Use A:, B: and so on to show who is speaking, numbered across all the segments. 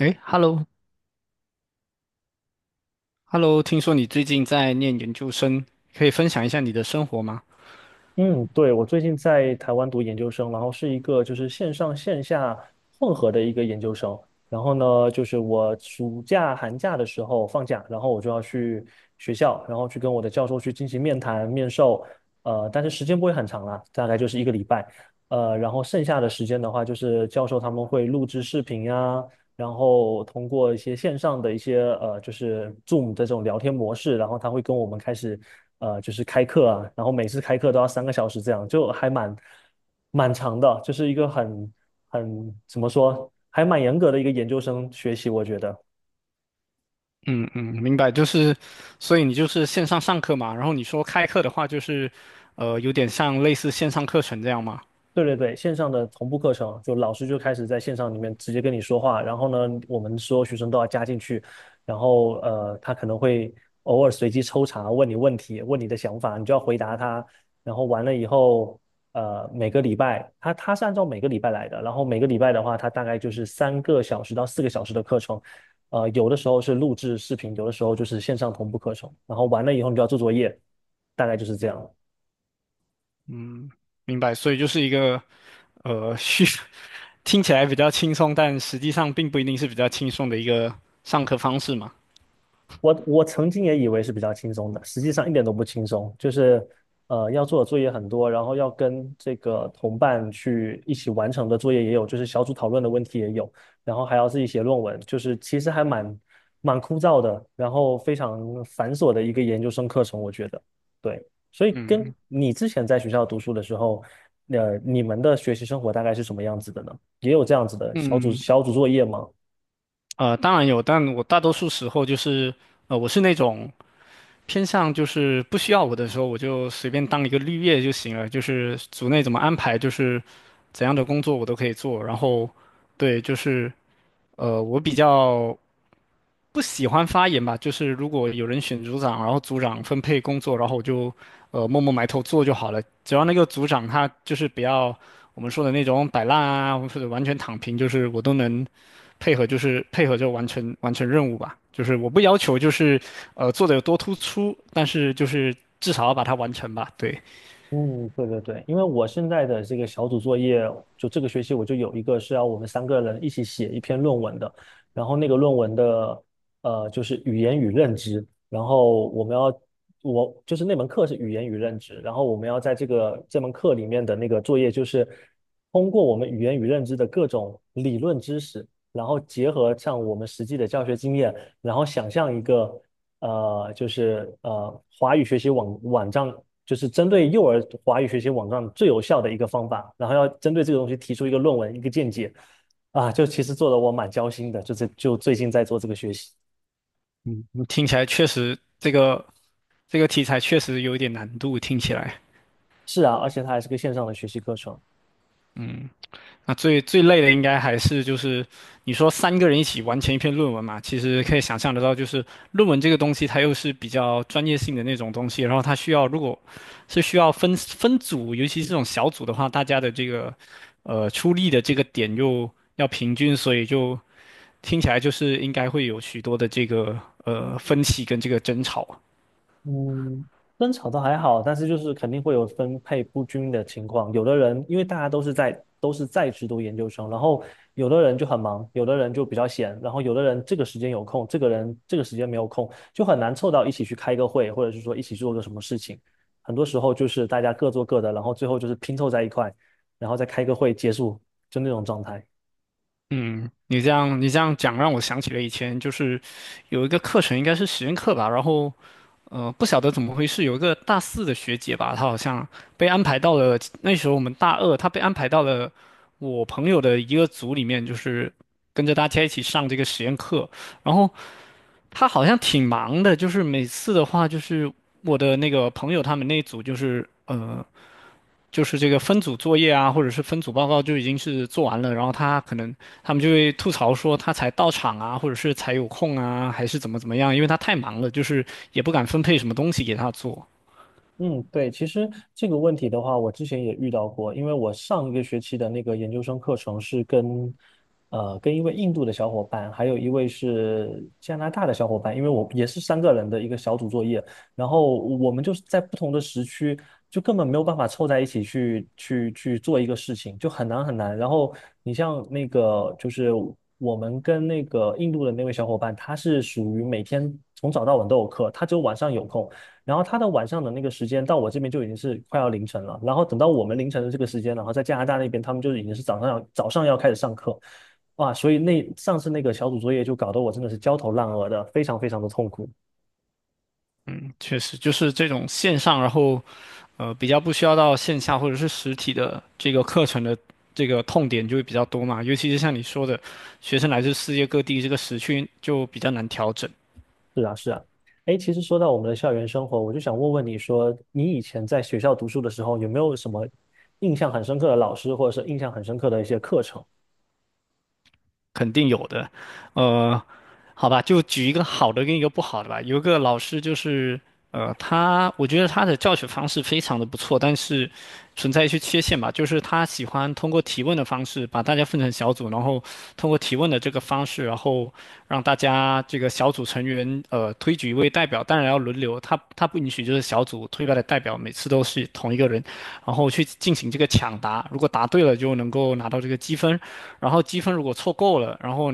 A: 诶， h e l l o h e l l o 听说你最近在念研究生，可以分享一下你的生活吗？
B: 嗯，对，我最近在台湾读研究生，然后是一个就是线上线下混合的一个研究生。然后呢，就是我暑假、寒假的时候放假，然后我就要去学校，然后去跟我的教授去进行面谈、面授。但是时间不会很长啦，大概就是一个礼拜。然后剩下的时间的话，就是教授他们会录制视频呀，然后通过一些线上的一些就是 Zoom 的这种聊天模式，然后他会跟我们开始就是开课啊，然后每次开课都要三个小时，这样就还蛮长的，就是一个很怎么说，还蛮严格的一个研究生学习，我觉得。
A: 嗯，明白，就是，所以你就是线上上课嘛，然后你说开课的话，就是，有点像类似线上课程这样嘛。
B: 对对对，线上的同步课程，就老师就开始在线上里面直接跟你说话，然后呢，我们所有学生都要加进去，然后他可能会偶尔随机抽查问你问题，问你的想法，你就要回答他，然后完了以后，每个礼拜他是按照每个礼拜来的，然后每个礼拜的话，他大概就是三个小时到4个小时的课程，有的时候是录制视频，有的时候就是线上同步课程，然后完了以后你就要做作业，大概就是这样。
A: 明白，所以就是一个，呃，虚，听起来比较轻松，但实际上并不一定是比较轻松的一个上课方式嘛。
B: 我曾经也以为是比较轻松的，实际上一点都不轻松，就是要做的作业很多，然后要跟这个同伴去一起完成的作业也有，就是小组讨论的问题也有，然后还要自己写论文，就是其实还蛮枯燥的，然后非常繁琐的一个研究生课程，我觉得。对，所以跟
A: 嗯
B: 你之前在学校读书的时候，你们的学习生活大概是什么样子的呢？也有这样子的小组
A: 嗯，
B: 小组作业吗？
A: 呃，当然有，但我大多数时候就是，呃，我是那种。偏向就是不需要我的时候，我就随便当一个绿叶就行了。就是组内怎么安排，就是怎样的工作我都可以做。然后，对，就是我比较不喜欢发言吧。就是如果有人选组长，然后组长分配工作，然后我就默默埋头做就好了。只要那个组长他就是不要我们说的那种摆烂啊，或者完全躺平，就是我都能配合就是配合着完成任务吧。就是我不要求就是做的有多突出，但是就是至少要把它完成吧。对。
B: 嗯，对对对，因为我现在的这个小组作业，就这个学期我就有一个是要我们三个人一起写一篇论文的，然后那个论文的就是语言与认知，然后我们要我就是那门课是语言与认知，然后我们要在这门课里面的那个作业就是通过我们语言与认知的各种理论知识，然后结合上我们实际的教学经验，然后想象一个。华语学习网网站就是针对幼儿华语学习网站最有效的一个方法，然后要针对这个东西提出一个论文、一个见解，啊，就其实做的我蛮焦心的，就这就最近在做这个学习，
A: 嗯，听起来确实这个这个题材确实有一点难度，听起来。
B: 是啊，而且它还是个线上的学习课程，
A: 那最最累的应该还是就是你说三个人一起完成一篇论文嘛，其实可以想象得到，就是论文这个东西它又是比较专业性的那种东西，然后它需要如果是需要分组，尤其是这种小组的话，大家的这个出力的这个点又要平均，所以就听起来就是应该会有许多的这个分歧跟这个争吵。
B: 嗯，争吵倒还好，但是就是肯定会有分配不均的情况。有的人因为大家都是在职读研究生，然后有的人就很忙，有的人就比较闲，然后有的人这个时间有空，这个人这个时间没有空，就很难凑到一起去开个会，或者是说一起做个什么事情。很多时候就是大家各做各的，然后最后就是拼凑在一块，然后再开个会结束，就那种状态。
A: 嗯，你这样你这样讲让我想起了以前就是有一个课程应该是实验课吧，然后不晓得怎么回事，有一个大四的学姐吧，她好像被安排到了那时候我们大二，她被安排到了我朋友的一个组里面，就是跟着大家一起上这个实验课，然后她好像挺忙的，就是每次的话就是我的那个朋友他们那一组就是就是这个分组作业啊，或者是分组报告就已经是做完了，然后他可能他们就会吐槽说他才到场啊，或者是才有空啊，还是怎么怎么样，因为他太忙了，就是也不敢分配什么东西给他做。
B: 嗯，对，其实这个问题的话，我之前也遇到过，因为我上一个学期的那个研究生课程是跟，跟一位印度的小伙伴，还有一位是加拿大的小伙伴，因为我也是三个人的一个小组作业，然后我们就是在不同的时区，就根本没有办法凑在一起去做一个事情，就很难很难。然后你像那个就是我们跟那个印度的那位小伙伴，他是属于每天从早到晚都有课，他只有晚上有空。然后他的晚上的那个时间到我这边就已经是快要凌晨了，然后等到我们凌晨的这个时间，然后在加拿大那边他们就已经是早上要开始上课，哇，所以那上次那个小组作业就搞得我真的是焦头烂额的，非常非常的痛苦。
A: 嗯，确实就是这种线上，然后比较不需要到线下或者是实体的这个课程的这个痛点就会比较多嘛，尤其是像你说的，学生来自世界各地，这个时区就比较难调整。
B: 是啊，是啊。哎，其实说到我们的校园生活，我就想问问你说，你以前在学校读书的时候，有没有什么印象很深刻的老师，或者是印象很深刻的一些课程？
A: 肯定有的，呃，好吧，就举一个好的跟一个不好的吧。有一个老师就是，呃，他我觉得他的教学方式非常的不错，但是存在一些缺陷吧，就是他喜欢通过提问的方式把大家分成小组，然后通过提问的这个方式，然后让大家这个小组成员推举一位代表，当然要轮流，他不允许就是小组推派的代表每次都是同一个人，然后去进行这个抢答，如果答对了就能够拿到这个积分。然后积分如果凑够了，然后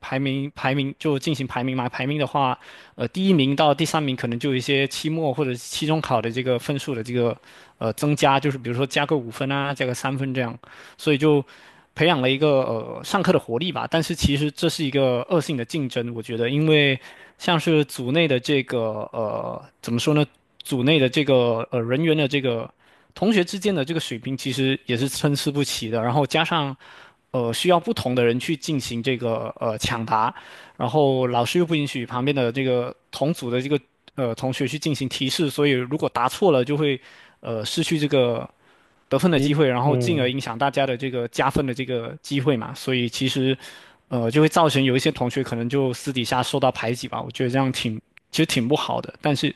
A: 排名就进行排名嘛，排名的话，呃，第一名到第三名可能就有一些期末或者期中考的这个分数的这个增加，就是比如说加个五分啊，加个三分这样，所以就培养了一个上课的活力吧。但是其实这是一个恶性的竞争，我觉得，因为像是组内的这个怎么说呢，组内的这个人员的这个。同学之间的这个水平其实也是参差不齐的，然后加上需要不同的人去进行这个抢答，然后老师又不允许旁边的这个同组的这个同学去进行提示，所以如果答错了就会失去这个得分的机
B: 你
A: 会，然后进而
B: 嗯。
A: 影响大家的这个加分的这个机会嘛，所以其实就会造成有一些同学可能就私底下受到排挤吧，我觉得这样其实挺不好的，但是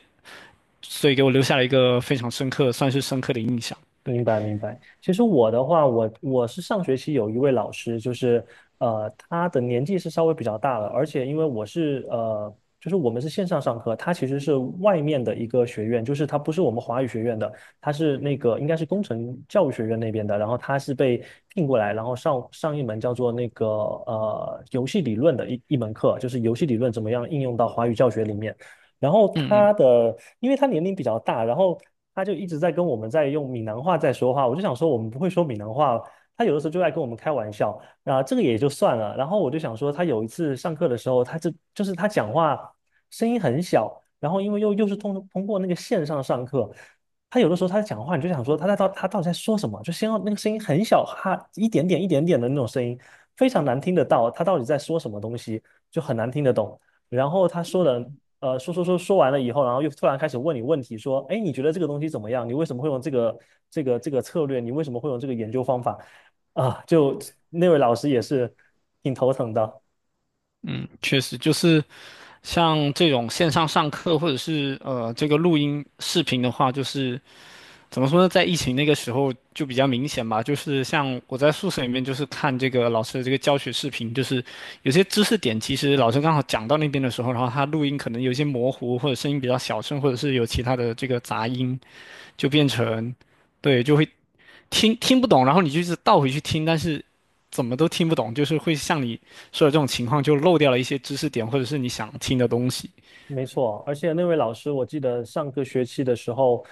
A: 所以给我留下了一个非常深刻，算是深刻的印象。
B: 明白明白。其实我的话，我是上学期有一位老师，就是他的年纪是稍微比较大了，而且因为我是就是我们是线上上课，他其实是外面的一个学院，就是他不是我们华语学院的，他是那个应该是工程教育学院那边的，然后他是被聘过来，然后上一门叫做那个游戏理论的一门课，就是游戏理论怎么样应用到华语教学里面。然后
A: 嗯嗯
B: 因为他年龄比较大，然后他就一直在跟我们在用闽南话在说话。我就想说，我们不会说闽南话，他有的时候就爱跟我们开玩笑。那、这个也就算了。然后我就想说，他有一次上课的时候，他这就是他讲话声音很小，然后因为又是通过那个线上上课，他有的时候他讲话，你就想说他到底在说什么？就先要那个声音很小，哈，一点点一点点的那种声音，非常难听得到，他到底在说什么东西，就很难听得懂。然后他说的说完了以后，然后又突然开始问你问题，说，哎，你觉得这个东西怎么样？你为什么会用这个策略？你为什么会用这个研究方法？啊，就那位老师也是挺头疼的。
A: 嗯，确实就是。像这种线上上课或者是这个录音视频的话，就是怎么说呢，在疫情那个时候就比较明显吧。就是像我在宿舍里面，就是看这个老师的这个教学视频，就是有些知识点其实老师刚好讲到那边的时候，然后他录音可能有一些模糊，或者声音比较小声，或者是有其他的这个杂音，就变成对就会听听不懂，然后你就是倒回去听，但是怎么都听不懂，就是会像你说的这种情况，就漏掉了一些知识点，或者是你想听的东西。
B: 没错，而且那位老师，我记得上个学期的时候，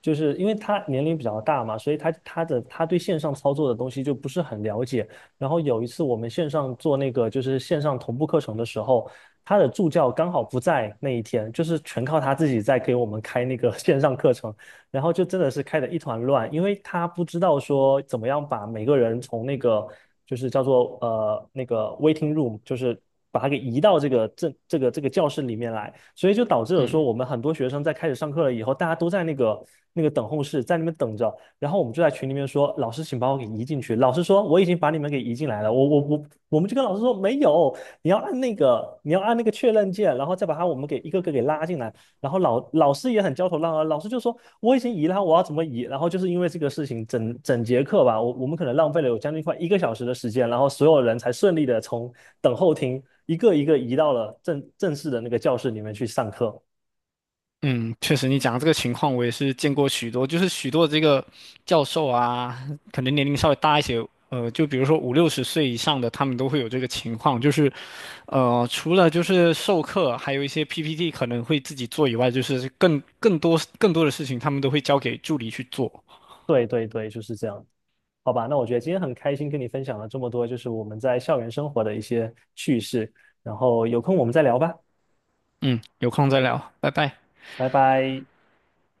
B: 就是因为他年龄比较大嘛，所以他对线上操作的东西就不是很了解。然后有一次我们线上做那个就是线上同步课程的时候，他的助教刚好不在那一天，就是全靠他自己在给我们开那个 线上课程。然后就真的是开得一团乱，因为他不知道说怎么样把每个人从那个就是叫做那个 waiting room，就是把他给移到这个教室里面来，所以就导致了说
A: 嗯。
B: 我们很多学生在开始上课了以后，大家都在那个等候室在那边等着，然后我们就在群里面说，老师请把我给移进去，老师说我已经把你们给移进来了，我们就跟老师说没有，你要按那个确认键，然后再把他我们给一个个给拉进来。然后老师也很焦头烂额，老师就说我已经移了，我要怎么移？然后就是因为这个事情，整整节课吧，我们可能浪费了有将近快一个小时的时间，然后所有人才顺利的从等候厅一个一个移到了正式的那个教室里面去上课。
A: 嗯，确实，你讲的这个情况我也是见过许多，就是许多这个教授啊，可能年龄稍微大一些，呃，就比如说五六十岁以上的，他们都会有这个情况，就是，呃，除了就是授课，还有一些 PPT 可能会自己做以外，就是更多的事情，他们都会交给助理去做。
B: 对对对，就是这样。好吧，那我觉得今天很开心跟你分享了这么多，就是我们在校园生活的一些趣事，然后有空我们再聊吧，
A: 嗯，有空再聊，拜拜。
B: 拜拜。